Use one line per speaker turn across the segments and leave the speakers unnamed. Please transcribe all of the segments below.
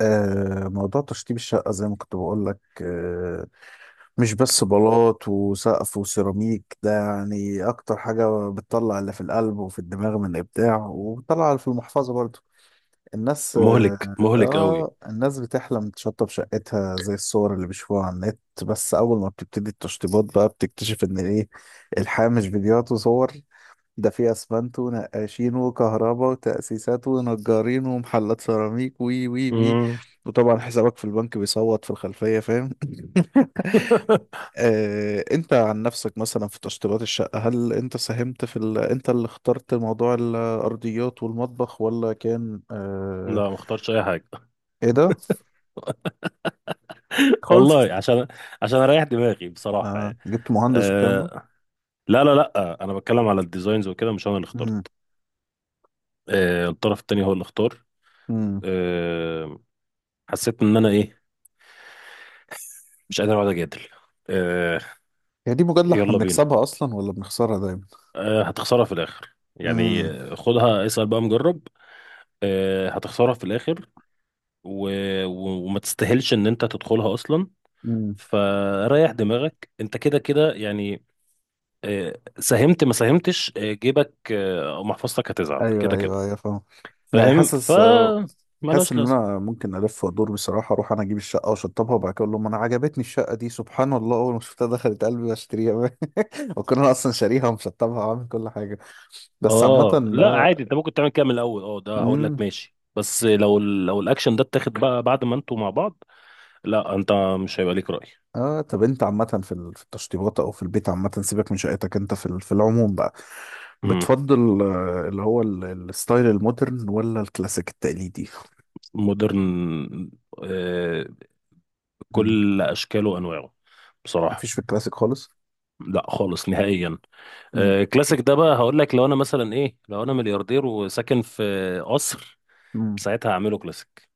موضوع تشطيب الشقة زي ما كنت بقول لك مش بس بلاط وسقف وسيراميك، ده يعني أكتر حاجة بتطلع اللي في القلب وفي الدماغ من إبداع، وبتطلع اللي في المحفظة برضو. الناس
مهلك مهلك قوي.
الناس بتحلم تشطب شقتها زي الصور اللي بيشوفوها على النت، بس أول ما بتبتدي التشطيبات بقى بتكتشف إن إيه، الحياة مش فيديوهات وصور. ده فيه اسمنت ونقاشين وكهرباء وتأسيسات ونجارين ومحلات سيراميك، وي وي وي.
مم.
وطبعا حسابك في البنك بيصوت في الخلفية، فاهم؟ انت عن نفسك مثلا في تشطيبات الشقة، هل انت ساهمت في ال... انت اللي اخترت موضوع الارضيات والمطبخ ولا كان
لا، ما اختارش اي حاجه.
ايه ده، خالص؟
والله عشان اريح دماغي بصراحه يعني.
جبت مهندس والكلام ده؟
أه لا لا لا، انا بتكلم على الديزاينز وكده، مش انا اللي
امم
اخترت. أه الطرف التاني هو اللي اختار.
امم
أه حسيت ان انا ايه، مش قادر اقعد اجادل. أه،
هي دي مجادلة احنا
يلا بينا.
بنكسبها اصلا ولا بنخسرها دايما؟
أه هتخسرها في الاخر يعني، خدها اسال بقى مجرب. أه هتخسرها في الاخر و... وما تستاهلش ان انت تدخلها اصلا.
امم
فريح دماغك انت كده كده يعني. ساهمت ما ساهمتش، جيبك او محفظتك هتزعل
ايوه
كده كده.
ايوه ايوه، فاهم. يعني
فاهم
حاسس
ملهاش
ان
لازمه.
انا ممكن الف وادور بصراحه، اروح انا اجيب الشقه واشطبها، وبعد كده اقول لهم انا عجبتني الشقه دي، سبحان الله، اول ما شفتها دخلت قلبي واشتريها. وكنا انا اصلا شاريها ومشطبها وعامل كل حاجه، بس
اه
عامه.
لا
اه
عادي، انت ممكن تعمل كده من الاول. اه ده هقول لك
امم
ماشي، بس لو لو الاكشن ده اتاخد بقى بعد ما انتوا مع بعض. لا انت مش هيبقى ليك راي.
اه طب انت عامه في في التشطيبات او في البيت عامه، سيبك من شقتك انت، في في العموم بقى،
امم
بتفضل الستايل المودرن ولا الكلاسيك التقليدي؟
مودرن، آه،
مم.
كل اشكاله وانواعه
مفيش في
بصراحه.
الكلاسيك خالص؟
لا خالص نهائيا.
مم.
كلاسيك ده بقى هقول لك، لو انا مثلا ايه، لو انا ملياردير وساكن في قصر، ساعتها هعمله كلاسيك.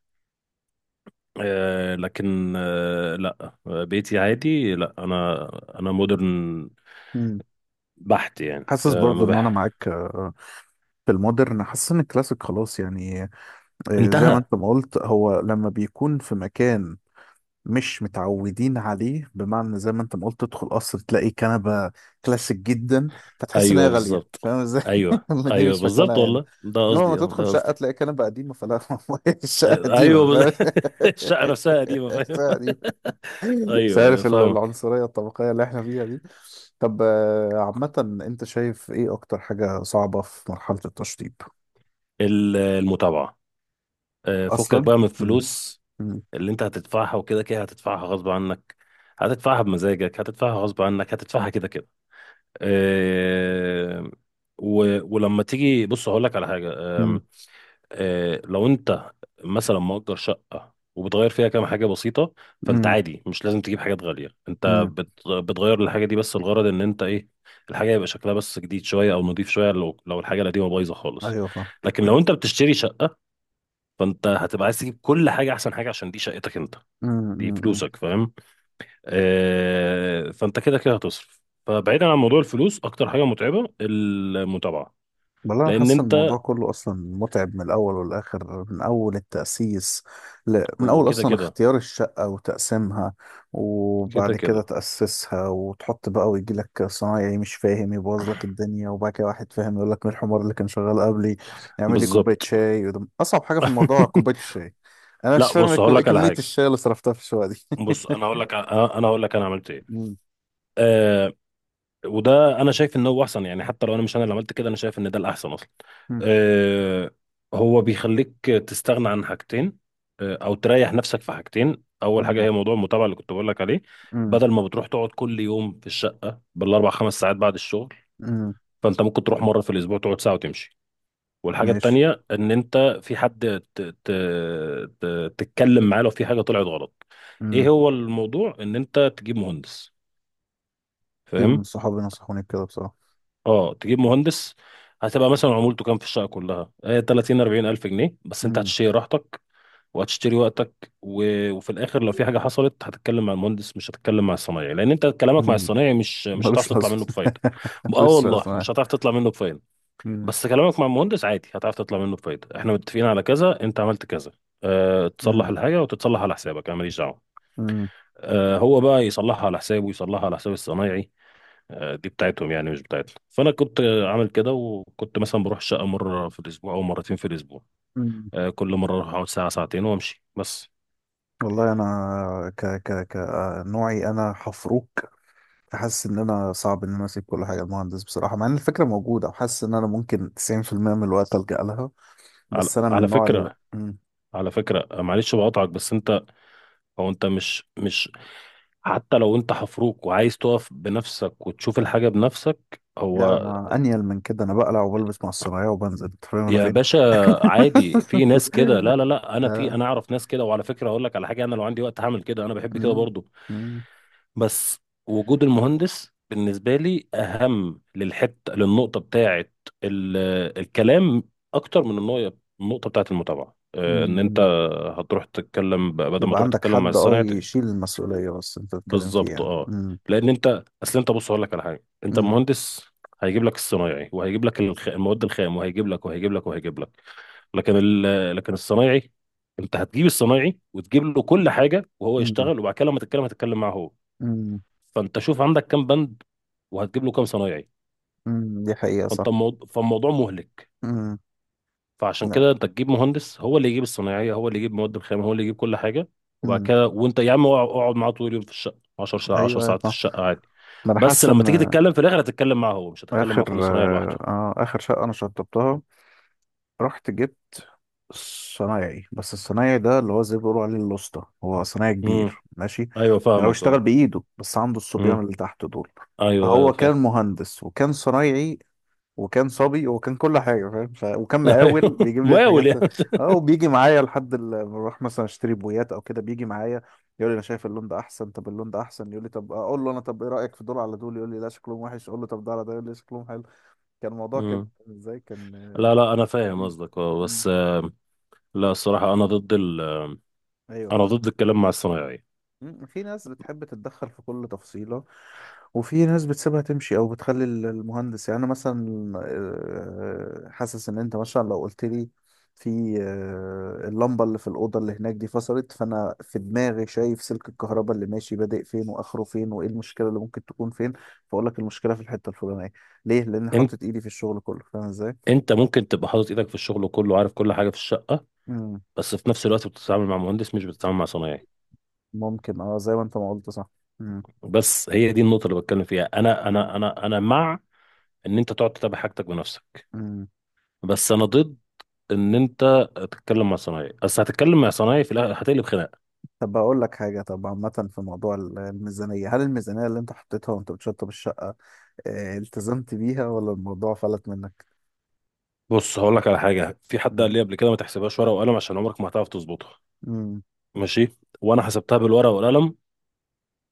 لكن لا، بيتي عادي، لا انا انا مودرن
مم.
بحت يعني،
حاسس
آه
برضو
ما
ان انا
بح
معاك في المودرن. حاسس ان الكلاسيك خلاص يعني. زي ما
انتهى.
انت ما قلت، هو لما بيكون في مكان مش متعودين عليه، بمعنى زي ما انت ما قلت تدخل قصر تلاقي كنبة كلاسيك جدا، فتحس ان هي
ايوه
غالية،
بالظبط.
فاهم ازاي؟
ايوه
إن دي
ايوه
مش مكانها
بالظبط
هنا.
والله، ده
انما لما
قصدي، اه
تدخل
ده قصدي.
شقة تلاقي كنبة قديمة، فلا. الشقة
آه،
قديمة،
ايوه بز...
فاهم؟
الشقه نفسها قديمه فاهم.
الشقة قديمة. مش
ايوه ايوه
عارف
فاهمك.
العنصرية الطبقية اللي احنا فيها دي. طب عامة، انت شايف ايه اكتر حاجة صعبة في مرحلة التشطيب؟
المتابعه، فكك
اصلا.
بقى من
مم.
الفلوس
مم.
اللي انت هتدفعها، وكده كده هتدفعها غصب عنك، هتدفعها بمزاجك هتدفعها غصب عنك، هتدفعها كده كده. آه، ولما تيجي بص هقول لك على حاجه.
مم.
آم، آه، لو انت مثلا مؤجر شقه وبتغير فيها كام حاجه بسيطه، فانت
مم.
عادي مش لازم تجيب حاجات غاليه، انت
مم.
بتغير الحاجه دي بس، الغرض ان انت ايه، الحاجه يبقى شكلها بس جديد شويه او نضيف شويه، لو الحاجه القديمه بايظه خالص.
ايوه،
لكن لو انت بتشتري شقه، فانت هتبقى عايز تجيب كل حاجه احسن حاجه، عشان دي شقتك انت، دي
فاهم.
فلوسك، فاهم؟ فانت كده كده هتصرف، فبعيدا عن موضوع الفلوس اكتر حاجه متعبه المتابعه.
والله انا
لان
حاسس إن
انت،
الموضوع كله اصلا متعب من الاول والاخر، من اول التاسيس. من
هو
اول
كده
اصلا
كده
اختيار الشقه وتقسيمها،
كده
وبعد كده
كده
تاسسها وتحط بقى، ويجي لك صنايعي مش فاهم يبوظ لك الدنيا، وبعد كده واحد فاهم يقول لك مين الحمار اللي كان شغال قبلي، يعمل لي كوبايه
بالظبط.
شاي. وده اصعب حاجه في الموضوع، كوبايه الشاي. انا مش
لا
فاهم
بص هقول
ايه
لك على
كميه
حاجه،
الشاي اللي صرفتها في الشقه دي.
بص انا هقول لك انا عملت ايه.
مم،
آه، وده انا شايف ان هو احسن، يعني حتى لو انا مش انا اللي عملت كده، انا شايف ان ده الاحسن اصلا.
مم،
آه. هو بيخليك تستغنى عن حاجتين، او تريح نفسك في حاجتين. اول حاجه
مم،
هي موضوع المتابعه اللي كنت بقول لك عليه،
مم،
بدل ما بتروح تقعد كل يوم في الشقه بالاربع خمس ساعات بعد الشغل،
مم،
فانت ممكن تروح مره في الاسبوع تقعد ساعه وتمشي. والحاجه
ماشي.
التانيه ان انت في حد ت ت ت تتكلم معاه لو في حاجه طلعت غلط. ايه
مم.
هو الموضوع، ان انت تجيب مهندس،
كتير من
فاهم؟
صحابي نصحوني بكده بصراحه.
اه تجيب مهندس، هتبقى مثلا عمولته كام في الشقه كلها، 30 40 الف جنيه بس، انت هتشتري راحتك وهتشتري وقتك. وفي الاخر لو في حاجه حصلت هتتكلم مع المهندس، مش هتتكلم مع الصنايعي، لان انت كلامك مع
مم.
الصنايعي مش هتعرف
ملوش
تطلع
لازمة.
منه بفايده. اه
ملوش
والله
لازمة.
مش هتعرف تطلع منه بفايده.
مم.
بس كلامك مع المهندس عادي هتعرف تطلع منه بفايده: احنا متفقين على كذا، انت عملت كذا، تصلح
مم.
الحاجه وتتصلح على حسابك، انا ماليش دعوه.
مم.
هو بقى يصلحها على حسابه ويصلحها على حساب الصنايعي، دي بتاعتهم يعني مش بتاعتنا. فانا كنت عامل كده، وكنت مثلا بروح الشقه مره في الاسبوع او مرتين في الاسبوع،
مم.
كل مره اروح اقعد ساعه ساعتين وامشي بس.
والله انا، ك ك ك نوعي انا حفروك، حاسس ان انا صعب ان انا اسيب كل حاجه المهندس بصراحه، مع ان الفكره موجوده، وحاسس ان انا ممكن 90% من الوقت الجا لها، بس انا من
على
النوع اللي
فكره،
مم.
على فكره معلش بقاطعك، بس انت، هو انت مش مش حتى لو انت حفروك وعايز تقف بنفسك وتشوف الحاجه بنفسك،
لا
هو،
انا انيل من كده، انا بقلع وبلبس مع الصنايعيه وبنزل، انت فاهم انا
يا
فين.
باشا، عادي في ناس كده، لا لا لا، انا في
آه.
انا اعرف ناس كده، وعلى فكره هقول لك على حاجه، انا لو عندي وقت هعمل كده، انا بحب كده
مم.
برضو.
مم.
بس وجود المهندس بالنسبة لي أهم للحتة، للنقطة بتاعة ال- الكلام، أكتر من النقطة بتاعة المتابعة، إن أنت
مم.
هتروح تتكلم، بدل ما
يبقى
تروح
عندك
تتكلم مع
حد، اه،
الصنايعي
يشيل المسؤوليه بس انت بتتكلم فيه
بالظبط.
يعني.
أه لأن أنت أصل أنت، بص أقول لك على حاجة، أنت
امم
المهندس هيجيب لك الصنايعي وهيجيب لك المواد الخام، وهيجيب لك وهيجيب لك وهيجيب لك. لكن الصنايعي، أنت هتجيب الصنايعي وتجيب له كل حاجة، وهو
امم
يشتغل، وبعد كده لما تتكلم هتتكلم معاه هو.
امم
فانت شوف عندك كام بند وهتجيب له كام صنايعي،
دي حقيقة صح.
فانت الموضوع فالموضوع مهلك.
امم
فعشان
لا.
كده انت تجيب مهندس، هو اللي يجيب الصنايعيه، هو اللي يجيب مواد الخام، هو اللي يجيب كل حاجه. وبعد
امم.
كده وانت يا عم اقعد اقعد معاه طول اليوم في الشقه، 10 ساعات 10
ايوه ايوه
ساعات في الشقه
صح.
عادي،
ما انا
بس
حاسس
لما
ان،
تيجي تتكلم في الاخر هتتكلم معاه هو، مش هتتكلم مع
اخر،
كل صنايعي لوحده.
آه اخر شقة انا شطبتها، رحت جبت صنايعي، بس الصنايعي ده اللي هو زي ما بيقولوا عليه الواسطة، هو صنايعي كبير
امم،
ماشي.
ايوه
يعني هو
فاهمك،
اشتغل
اه.
بايده، بس عنده الصبيان
امم،
اللي تحت دول.
ايوه ايوه
فهو كان
فاهم.
مهندس وكان صنايعي وكان صبي وكان كل حاجة، فاهم؟ وكان مقاول
ايوه
بيجيب لي
مقاول
الحاجات،
يعني.
اه، وبيجي معايا لحد ما بروح مثلا اشتري بويات او كده بيجي معايا، يقول لي انا شايف اللون ده احسن، طب اللون ده احسن، يقول لي طب، اقول له انا طب ايه رأيك في دول على دول، يقول لي لا شكلهم وحش، اقول له طب ده على ده، يقول لي شكلهم حلو. كان الموضوع كده.
امم.
ازاي كان،
لا لا انا فاهم
لذيذ.
قصدك اه،
مم.
بس لا الصراحه
ايوه
انا
فاهم.
ضد الكلام مع الصنايعي.
مم. في ناس بتحب تتدخل في كل تفصيلة، وفي ناس بتسيبها تمشي او بتخلي المهندس. يعني انا مثلا، حاسس ان انت مثلا لو قلت لي في اللمبه اللي في الاوضه اللي هناك دي فصلت، فانا في دماغي شايف سلك الكهرباء اللي ماشي بادئ فين واخره فين، وايه المشكله اللي ممكن تكون فين، فاقول لك المشكله في الحته الفلانيه. ليه؟ لان حطيت ايدي في الشغل كله، فاهم ازاي؟
انت ممكن تبقى حاطط ايدك في الشغل كله وعارف كل حاجه في الشقه،
مم.
بس في نفس الوقت بتتعامل مع مهندس مش بتتعامل مع صنايعي.
ممكن، اه، زي ما انت ما قلت صح. مم.
بس هي دي النقطه اللي بتكلم فيها، انا
مم.
مع ان انت تقعد تتابع حاجتك بنفسك،
مم.
بس انا ضد ان انت تتكلم مع صنايعي، بس هتتكلم مع صنايعي في الاخر هتقلب خناقه.
طب بقول لك حاجه، طب عامه في موضوع الميزانيه، هل الميزانيه اللي انت حطيتها وانت بتشطب الشقه، التزمت بيها ولا الموضوع فلت منك؟
بص هقول لك على حاجه، في حد
مم.
قال لي قبل كده ما تحسبهاش ورقه وقلم، عشان عمرك ما هتعرف تظبطها.
مم.
ماشي، وانا حسبتها بالورقه والقلم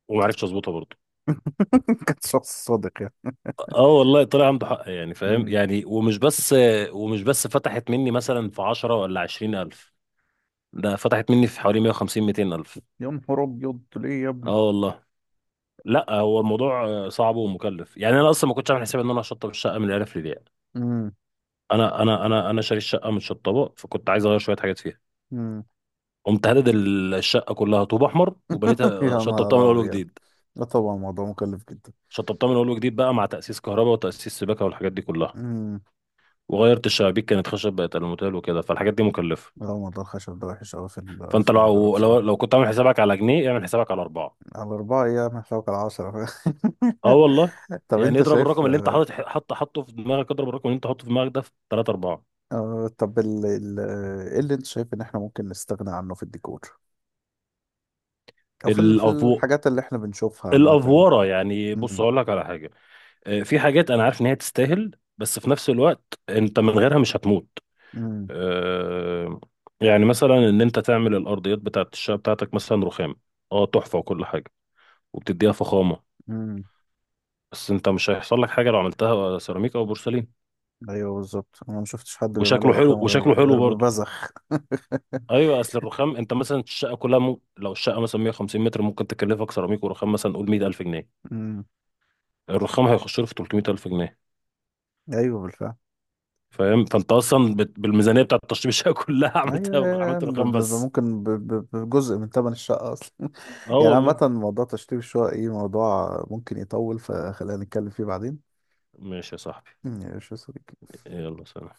وما عرفتش اظبطها برضه.
كنت شخص صادق يعني.
اه والله طلع عنده حق يعني، فاهم
مم.
يعني. ومش بس، ومش بس فتحت مني مثلا في 10 ولا 20 الف، ده فتحت مني في حوالي 150 200 الف.
يا نهار ابيض، ليه يا ابني؟
اه والله. لا هو الموضوع صعب ومكلف يعني، انا اصلا ما كنتش عامل حسابي ان انا هشطب الشقه من الالف للياء.
مم.
انا شاري الشقه متشطبه، فكنت عايز اغير شويه حاجات فيها،
مم.
قمت هدد الشقه كلها طوب احمر وبنيتها،
يا
شطبتها من
نهار
اول
ابيض.
وجديد.
لا طبعا الموضوع مكلف جدا.
شطبتها من اول وجديد بقى، مع تاسيس كهرباء وتاسيس سباكه والحاجات دي كلها،
امم.
وغيرت الشبابيك كانت خشب بقت الموتيل وكده، فالحاجات دي مكلفه.
لا موضوع الخشب ده وحش قوي في
فانت
في النجارة
لو
بصراحة.
كنت عامل حسابك على جنيه، اعمل حسابك على اربعه.
على أربعة أيام هتلاقوا على عشرة.
اه والله.
طب
يعني
أنت
اضرب
شايف،
الرقم اللي انت حاطط، حطه في دماغك، اضرب الرقم اللي انت حاطه في دماغك ده في 3 4.
آه، طب ال... ال... آه، إيه اللي أنت شايف إن إحنا ممكن نستغنى عنه في الديكور أو في في
الافو
الحاجات اللي إحنا بنشوفها عامة يعني؟
الافوره يعني. بص هقول لك على حاجه، في حاجات انا عارف ان هي تستاهل، بس في نفس الوقت انت من غيرها مش هتموت.
امم
آه، يعني مثلا ان انت تعمل الارضيات بتاعت الشقه بتاعتك مثلا رخام، اه تحفه وكل حاجه وبتديها فخامه،
امم
بس انت مش هيحصل لك حاجه لو عملتها سيراميك او بورسلين
ايوه بالظبط، انا ما شفتش حد بيعملها رخام غير،
وشكله حلو
غير
برضه.
ببذخ.
ايوه اصل الرخام، انت مثلا الشقه كلها، لو الشقه مثلا 150 متر، ممكن تكلفك سيراميك ورخام مثلا قول 100000 جنيه،
امم.
الرخام هيخش له في 300000 جنيه،
ايوه بالفعل.
فاهم؟ فانت اصلا بالميزانيه بتاعت تشطيب الشقه كلها عملت
ايوه،
رخام بس.
ممكن بجزء من ثمن الشقه اصلا.
اه
يعني عامه
والله.
موضوع تشطيب الشقه، ايه، موضوع ممكن يطول، فخلينا نتكلم فيه بعدين.
ماشي يا صاحبي،
ماشي يا صديقي.
يلا سلام.